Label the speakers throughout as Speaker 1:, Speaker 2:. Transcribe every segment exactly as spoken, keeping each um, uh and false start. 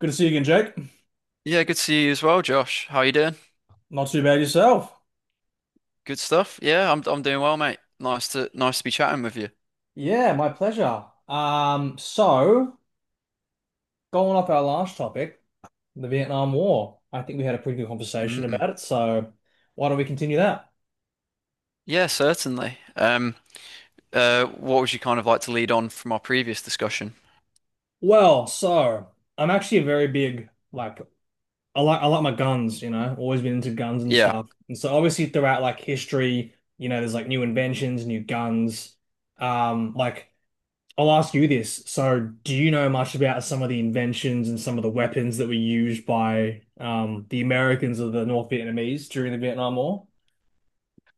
Speaker 1: Good to see you again, Jake.
Speaker 2: Yeah, good to see you as well, Josh. How you doing?
Speaker 1: Not too bad yourself.
Speaker 2: Good stuff. Yeah, I'm I'm doing well, mate. Nice to nice to be chatting with you.
Speaker 1: Yeah, my pleasure. Um, so going off our last topic, the Vietnam War. I think we had a pretty good conversation
Speaker 2: Mm.
Speaker 1: about it, so why don't we continue that?
Speaker 2: Yeah, certainly. Um, uh, what would you kind of like to lead on from our previous discussion?
Speaker 1: Well, so I'm actually a very big like I like I like my guns, you know, always been into guns and
Speaker 2: Yeah.
Speaker 1: stuff. And so obviously throughout like history, you know, there's like new inventions, new guns. Um, like I'll ask you this. So, do you know much about some of the inventions and some of the weapons that were used by um, the Americans or the North Vietnamese during the Vietnam War?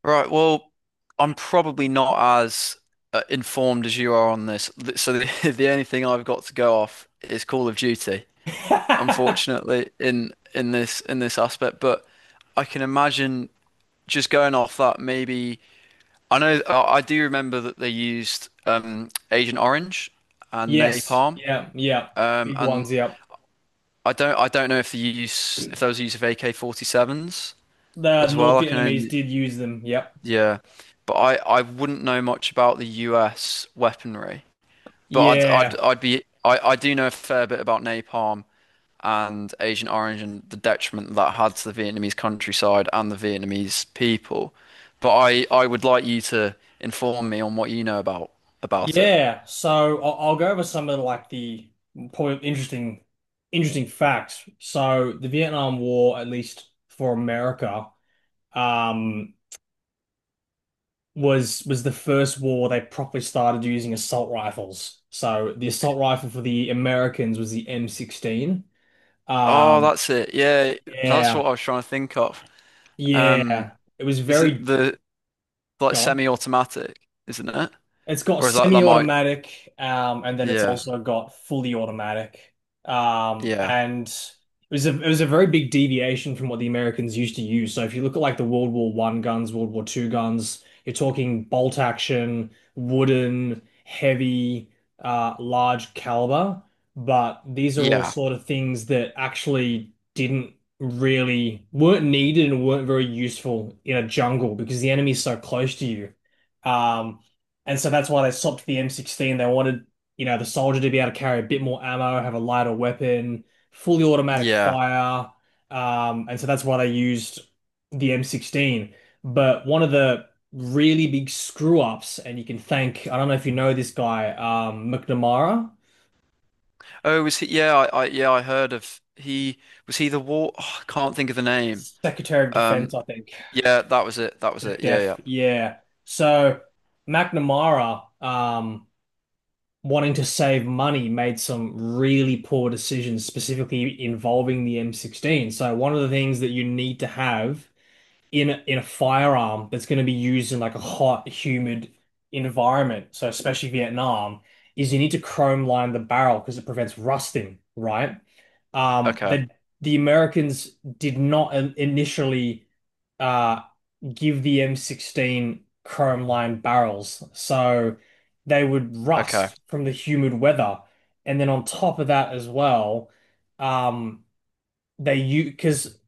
Speaker 2: Right. Well, I'm probably not as uh, informed as you are on this. Th- So the the only thing I've got to go off is Call of Duty, unfortunately, in in this in this aspect. But I can imagine just going off that maybe. I know, I I do remember that they used um, Agent Orange and
Speaker 1: Yes.
Speaker 2: Napalm,
Speaker 1: Yeah. Yeah.
Speaker 2: um,
Speaker 1: Big
Speaker 2: and
Speaker 1: ones. Yep.
Speaker 2: I don't, I don't know if the use, if there was a use of A K forty-sevens
Speaker 1: The
Speaker 2: as well.
Speaker 1: North
Speaker 2: I can
Speaker 1: Vietnamese
Speaker 2: only,
Speaker 1: did use them. Yep.
Speaker 2: yeah, but I, I wouldn't know much about the U S weaponry, but I'd, I'd,
Speaker 1: Yeah.
Speaker 2: I'd be, I, I do know a fair bit about Napalm and Agent Orange and the detriment that had to the Vietnamese countryside and the Vietnamese people, but I, I would like you to inform me on what you know about about it.
Speaker 1: Yeah. So I'll, I'll go over some of like the probably interesting, interesting facts. So the Vietnam War, at least for America, um, was was the first war they properly started using assault rifles. So the assault rifle for the Americans was the M sixteen.
Speaker 2: Oh,
Speaker 1: Um,
Speaker 2: that's it. Yeah, that's
Speaker 1: yeah,
Speaker 2: what I was trying to think of. Um,
Speaker 1: yeah, it was
Speaker 2: is it
Speaker 1: very
Speaker 2: the like
Speaker 1: gone.
Speaker 2: semi-automatic, isn't it?
Speaker 1: It's got
Speaker 2: Or is that that might?
Speaker 1: semi-automatic, um, and then it's
Speaker 2: Yeah,
Speaker 1: also got fully automatic. Um,
Speaker 2: yeah,
Speaker 1: and it was a it was a very big deviation from what the Americans used to use. So if you look at like the World War One guns, World War Two guns, you're talking bolt action, wooden, heavy, uh, large caliber. But these are all
Speaker 2: yeah,
Speaker 1: sort of things that actually didn't really weren't needed and weren't very useful in a jungle because the enemy's so close to you. Um, and so that's why they swapped the M sixteen. They wanted, you know, the soldier to be able to carry a bit more ammo, have a lighter weapon, fully automatic
Speaker 2: yeah.
Speaker 1: fire. Um, and so that's why they used the M sixteen. But one of the really big screw ups, and you can thank, I don't know if you know this guy, um, McNamara,
Speaker 2: Oh, was he? Yeah, I, I yeah, I heard of he was he the war? Oh, I can't think of the name.
Speaker 1: Secretary of
Speaker 2: Um,
Speaker 1: Defense, I think.
Speaker 2: yeah, that was it. That was it. Yeah,
Speaker 1: SecDef,
Speaker 2: yeah.
Speaker 1: yeah. So McNamara, um, wanting to save money made some really poor decisions, specifically involving the M sixteen. So one of the things that you need to have in a, in a firearm that's going to be used in like a hot, humid environment, so especially Vietnam, is you need to chrome line the barrel because it prevents rusting, right? Um,
Speaker 2: Okay,
Speaker 1: but the Americans did not in- initially uh, give the M sixteen chrome lined barrels, so they would
Speaker 2: okay,
Speaker 1: rust from the humid weather. And then on top of that as well, um, they use because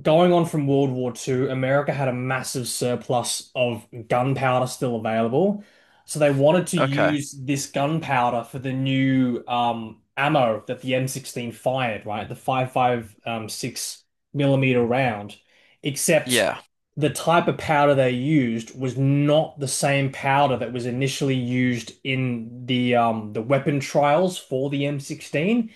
Speaker 1: going on from World War Two, America had a massive surplus of gunpowder still available. So they wanted to
Speaker 2: okay.
Speaker 1: use this gunpowder for the new um, ammo that the M sixteen fired, right? The five point five six millimeter round. Except
Speaker 2: Yeah,
Speaker 1: the type of powder they used was not the same powder that was initially used in the um, the weapon trials for the M sixteen,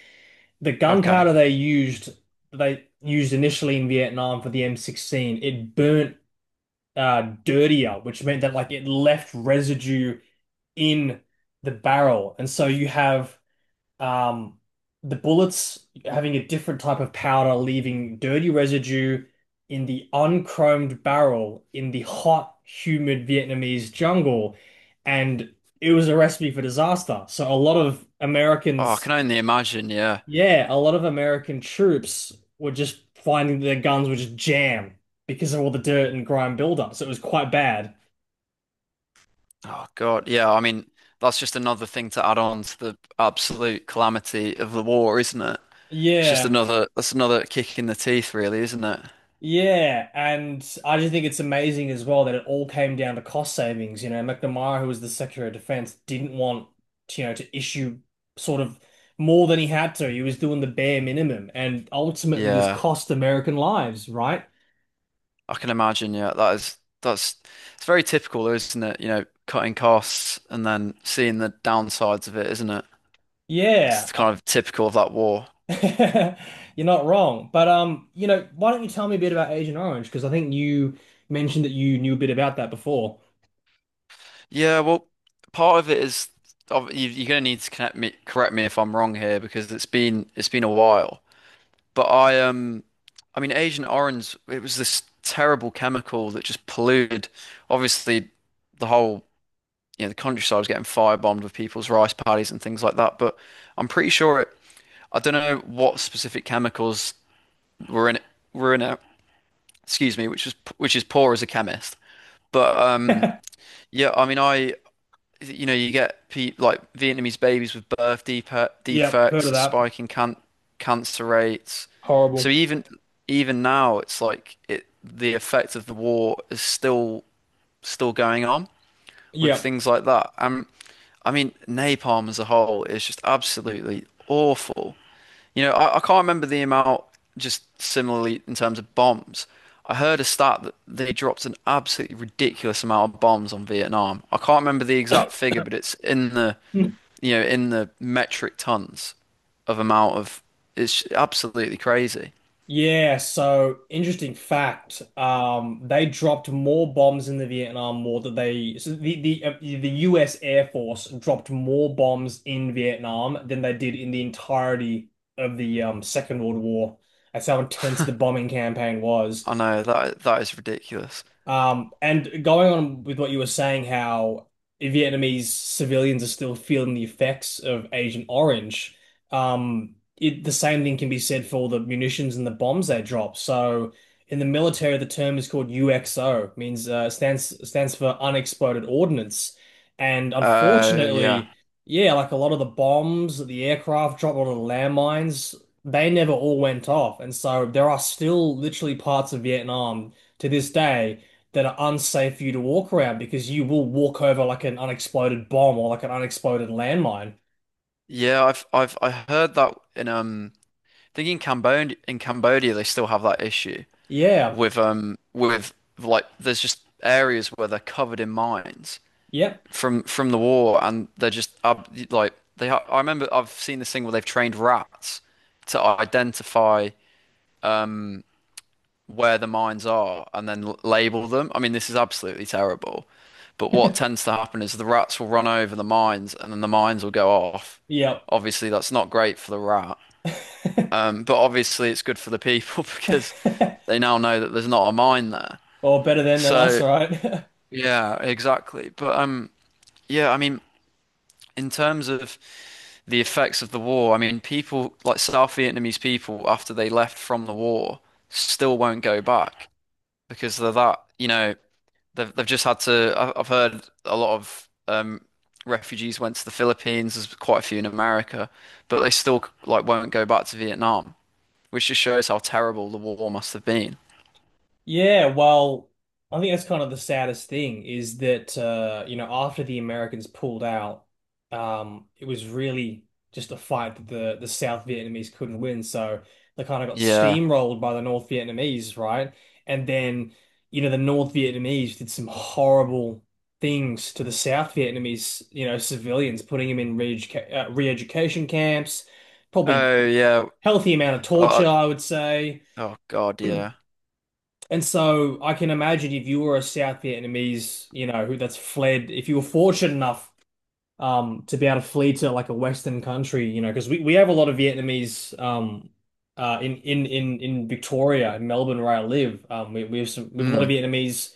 Speaker 1: the
Speaker 2: okay.
Speaker 1: gunpowder they used they used initially in Vietnam for the M sixteen, it burnt uh dirtier, which meant that like it left residue in the barrel. And so you have um the bullets having a different type of powder leaving dirty residue in the unchromed barrel in the hot humid Vietnamese jungle, and it was a recipe for disaster. So a lot of
Speaker 2: Oh, I
Speaker 1: Americans,
Speaker 2: can only imagine. Yeah.
Speaker 1: yeah, a lot of American troops were just finding their guns were just jammed because of all the dirt and grime buildup, so it was quite bad.
Speaker 2: Oh God. Yeah. I mean, that's just another thing to add on to the absolute calamity of the war, isn't it? It's just
Speaker 1: Yeah,
Speaker 2: another that's another kick in the teeth, really, isn't it?
Speaker 1: yeah, and I just think it's amazing as well that it all came down to cost savings. You know, McNamara, who was the Secretary of Defense, didn't want to, you know, to issue sort of more than he had to. He was doing the bare minimum, and ultimately this
Speaker 2: Yeah,
Speaker 1: cost American lives, right?
Speaker 2: I can imagine. Yeah, that is that's it's very typical, though, isn't it? You know, cutting costs and then seeing the downsides of it, isn't it?
Speaker 1: Yeah.
Speaker 2: It's kind of typical of that war.
Speaker 1: You're not wrong. But um, you know, why don't you tell me a bit about Agent Orange? Because I think you mentioned that you knew a bit about that before.
Speaker 2: Yeah, well, part of it is of- you- you're gonna need to connect me, correct me if I'm wrong here because it's been it's been a while. But I um, I mean, Agent Orange, it was this terrible chemical that just polluted, obviously, the whole, you know, the countryside was getting firebombed with people's rice paddies and things like that. But I'm pretty sure it, I don't know what specific chemicals were in it, were in it, excuse me, which is which is poor as a chemist. But um, yeah, I mean, I you know, you get pe like Vietnamese babies with birth depe-
Speaker 1: Yep, heard
Speaker 2: defects,
Speaker 1: of
Speaker 2: a
Speaker 1: that.
Speaker 2: spike in can cancer rates. So
Speaker 1: Horrible.
Speaker 2: even even now, it's like it the effect of the war is still still going on with
Speaker 1: Yep.
Speaker 2: things like that. Um, I mean, napalm as a whole is just absolutely awful. You know, I, I can't remember the amount, just similarly in terms of bombs. I heard a stat that they dropped an absolutely ridiculous amount of bombs on Vietnam. I can't remember the exact figure, but it's in the,
Speaker 1: Hmm.
Speaker 2: you know, in the metric tons of amount of, it's absolutely crazy.
Speaker 1: Yeah, so interesting fact. Um, they dropped more bombs in the Vietnam War than they, so the the uh, the U S. Air Force dropped more bombs in Vietnam than they did in the entirety of the um, Second World War. That's how intense the bombing campaign was.
Speaker 2: I know that that is ridiculous.
Speaker 1: Um, and going on with what you were saying, how Vietnamese civilians are still feeling the effects of Agent Orange, um, it, the same thing can be said for all the munitions and the bombs they drop. So in the military, the term is called U X O, means uh, stands stands for unexploded ordnance. And
Speaker 2: Uh, yeah.
Speaker 1: unfortunately, yeah, like a lot of the bombs the aircraft drop, a lot of the landmines, they never all went off. And so there are still literally parts of Vietnam to this day that are unsafe for you to walk around because you will walk over like an unexploded bomb or like an unexploded landmine.
Speaker 2: Yeah, I've I've I heard that in um I think in Cambodia, in Cambodia, they still have that issue
Speaker 1: Yeah.
Speaker 2: with um with like there's just areas where they're covered in mines
Speaker 1: Yep.
Speaker 2: from from the war, and they're just ab like they. Ha, I remember I've seen this thing where they've trained rats to identify um where the mines are and then l- label them. I mean, this is absolutely terrible. But what tends to happen is the rats will run over the mines and then the mines will go off.
Speaker 1: Yep.
Speaker 2: Obviously, that's not great for the rat. Um, but obviously, it's good for the people because they now know that there's not a mine there.
Speaker 1: Well, better then than us,
Speaker 2: So
Speaker 1: right?
Speaker 2: yeah, exactly. But um, yeah, I mean, in terms of the effects of the war, I mean, people like South Vietnamese people after they left from the war still won't go back because they're that, you know, they've they've just had to. I- I've heard a lot of um refugees went to the Philippines. There's quite a few in America, but they still like won't go back to Vietnam, which just shows how terrible the war must have been.
Speaker 1: Yeah, well, I think that's kind of the saddest thing is that uh, you know, after the Americans pulled out, um, it was really just a fight that the the South Vietnamese couldn't win. So they kind of got
Speaker 2: Yeah.
Speaker 1: steamrolled by the North Vietnamese, right? And then, you know, the North Vietnamese did some horrible things to the South Vietnamese, you know, civilians, putting them in re-educa uh, re-education camps, probably
Speaker 2: Oh yeah.
Speaker 1: healthy amount of
Speaker 2: Oh,
Speaker 1: torture, I would say.
Speaker 2: I- oh God, yeah.
Speaker 1: And so I can imagine if you were a South Vietnamese, you know, who that's fled, if you were fortunate enough um to be able to flee to like a Western country, you know, because we, we have a lot of Vietnamese um uh in in in in Victoria, in Melbourne where I live. Um we, we have some we have a lot of
Speaker 2: Mm.
Speaker 1: Vietnamese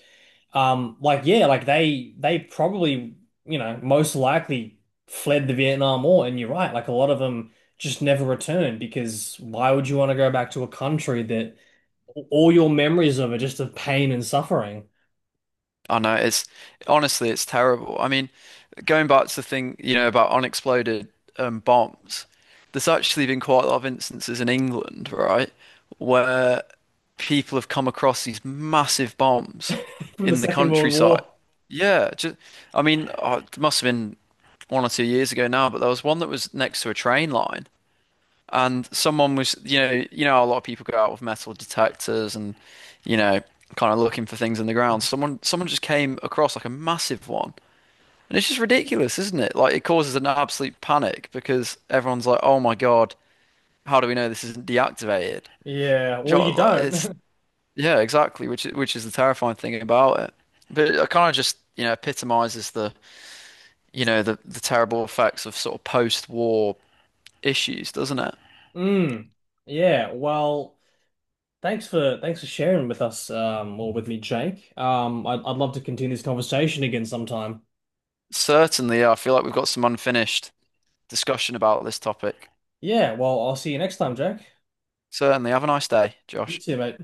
Speaker 1: um like yeah, like they they probably, you know, most likely fled the Vietnam War. And you're right, like a lot of them just never returned because why would you want to go back to a country that all your memories of are just of pain and suffering?
Speaker 2: I know it's honestly it's terrible. I mean, going back to the thing, you know, about unexploded um, bombs, there's actually been quite a lot of instances in England, right, where people have come across these massive bombs
Speaker 1: From the
Speaker 2: in the
Speaker 1: Second World
Speaker 2: countryside.
Speaker 1: War?
Speaker 2: Yeah, just I mean, oh, it must have been one or two years ago now, but there was one that was next to a train line. And someone was, you know, you know, how a lot of people go out with metal detectors and, you know, kind of looking for things in the ground. Someone, someone just came across like a massive one, and it's just ridiculous, isn't it? Like it causes an absolute panic because everyone's like, "Oh my God, how do we know this isn't deactivated?"
Speaker 1: Yeah,
Speaker 2: Do
Speaker 1: or
Speaker 2: you know
Speaker 1: you
Speaker 2: what, like, It's
Speaker 1: don't.
Speaker 2: yeah, exactly, which is- which is the terrifying thing about it. But it kind of just, you know, epitomizes the, you know, the the terrible effects of sort of post-war issues, doesn't it?
Speaker 1: Mm. Yeah. Well, thanks for thanks for sharing with us, um, or with me, Jake. Um, I'd I'd love to continue this conversation again sometime.
Speaker 2: Certainly, yeah, I feel like we've got some unfinished discussion about this topic.
Speaker 1: Yeah. Well, I'll see you next time, Jack.
Speaker 2: Certainly. Have a nice day,
Speaker 1: You
Speaker 2: Josh.
Speaker 1: too, mate.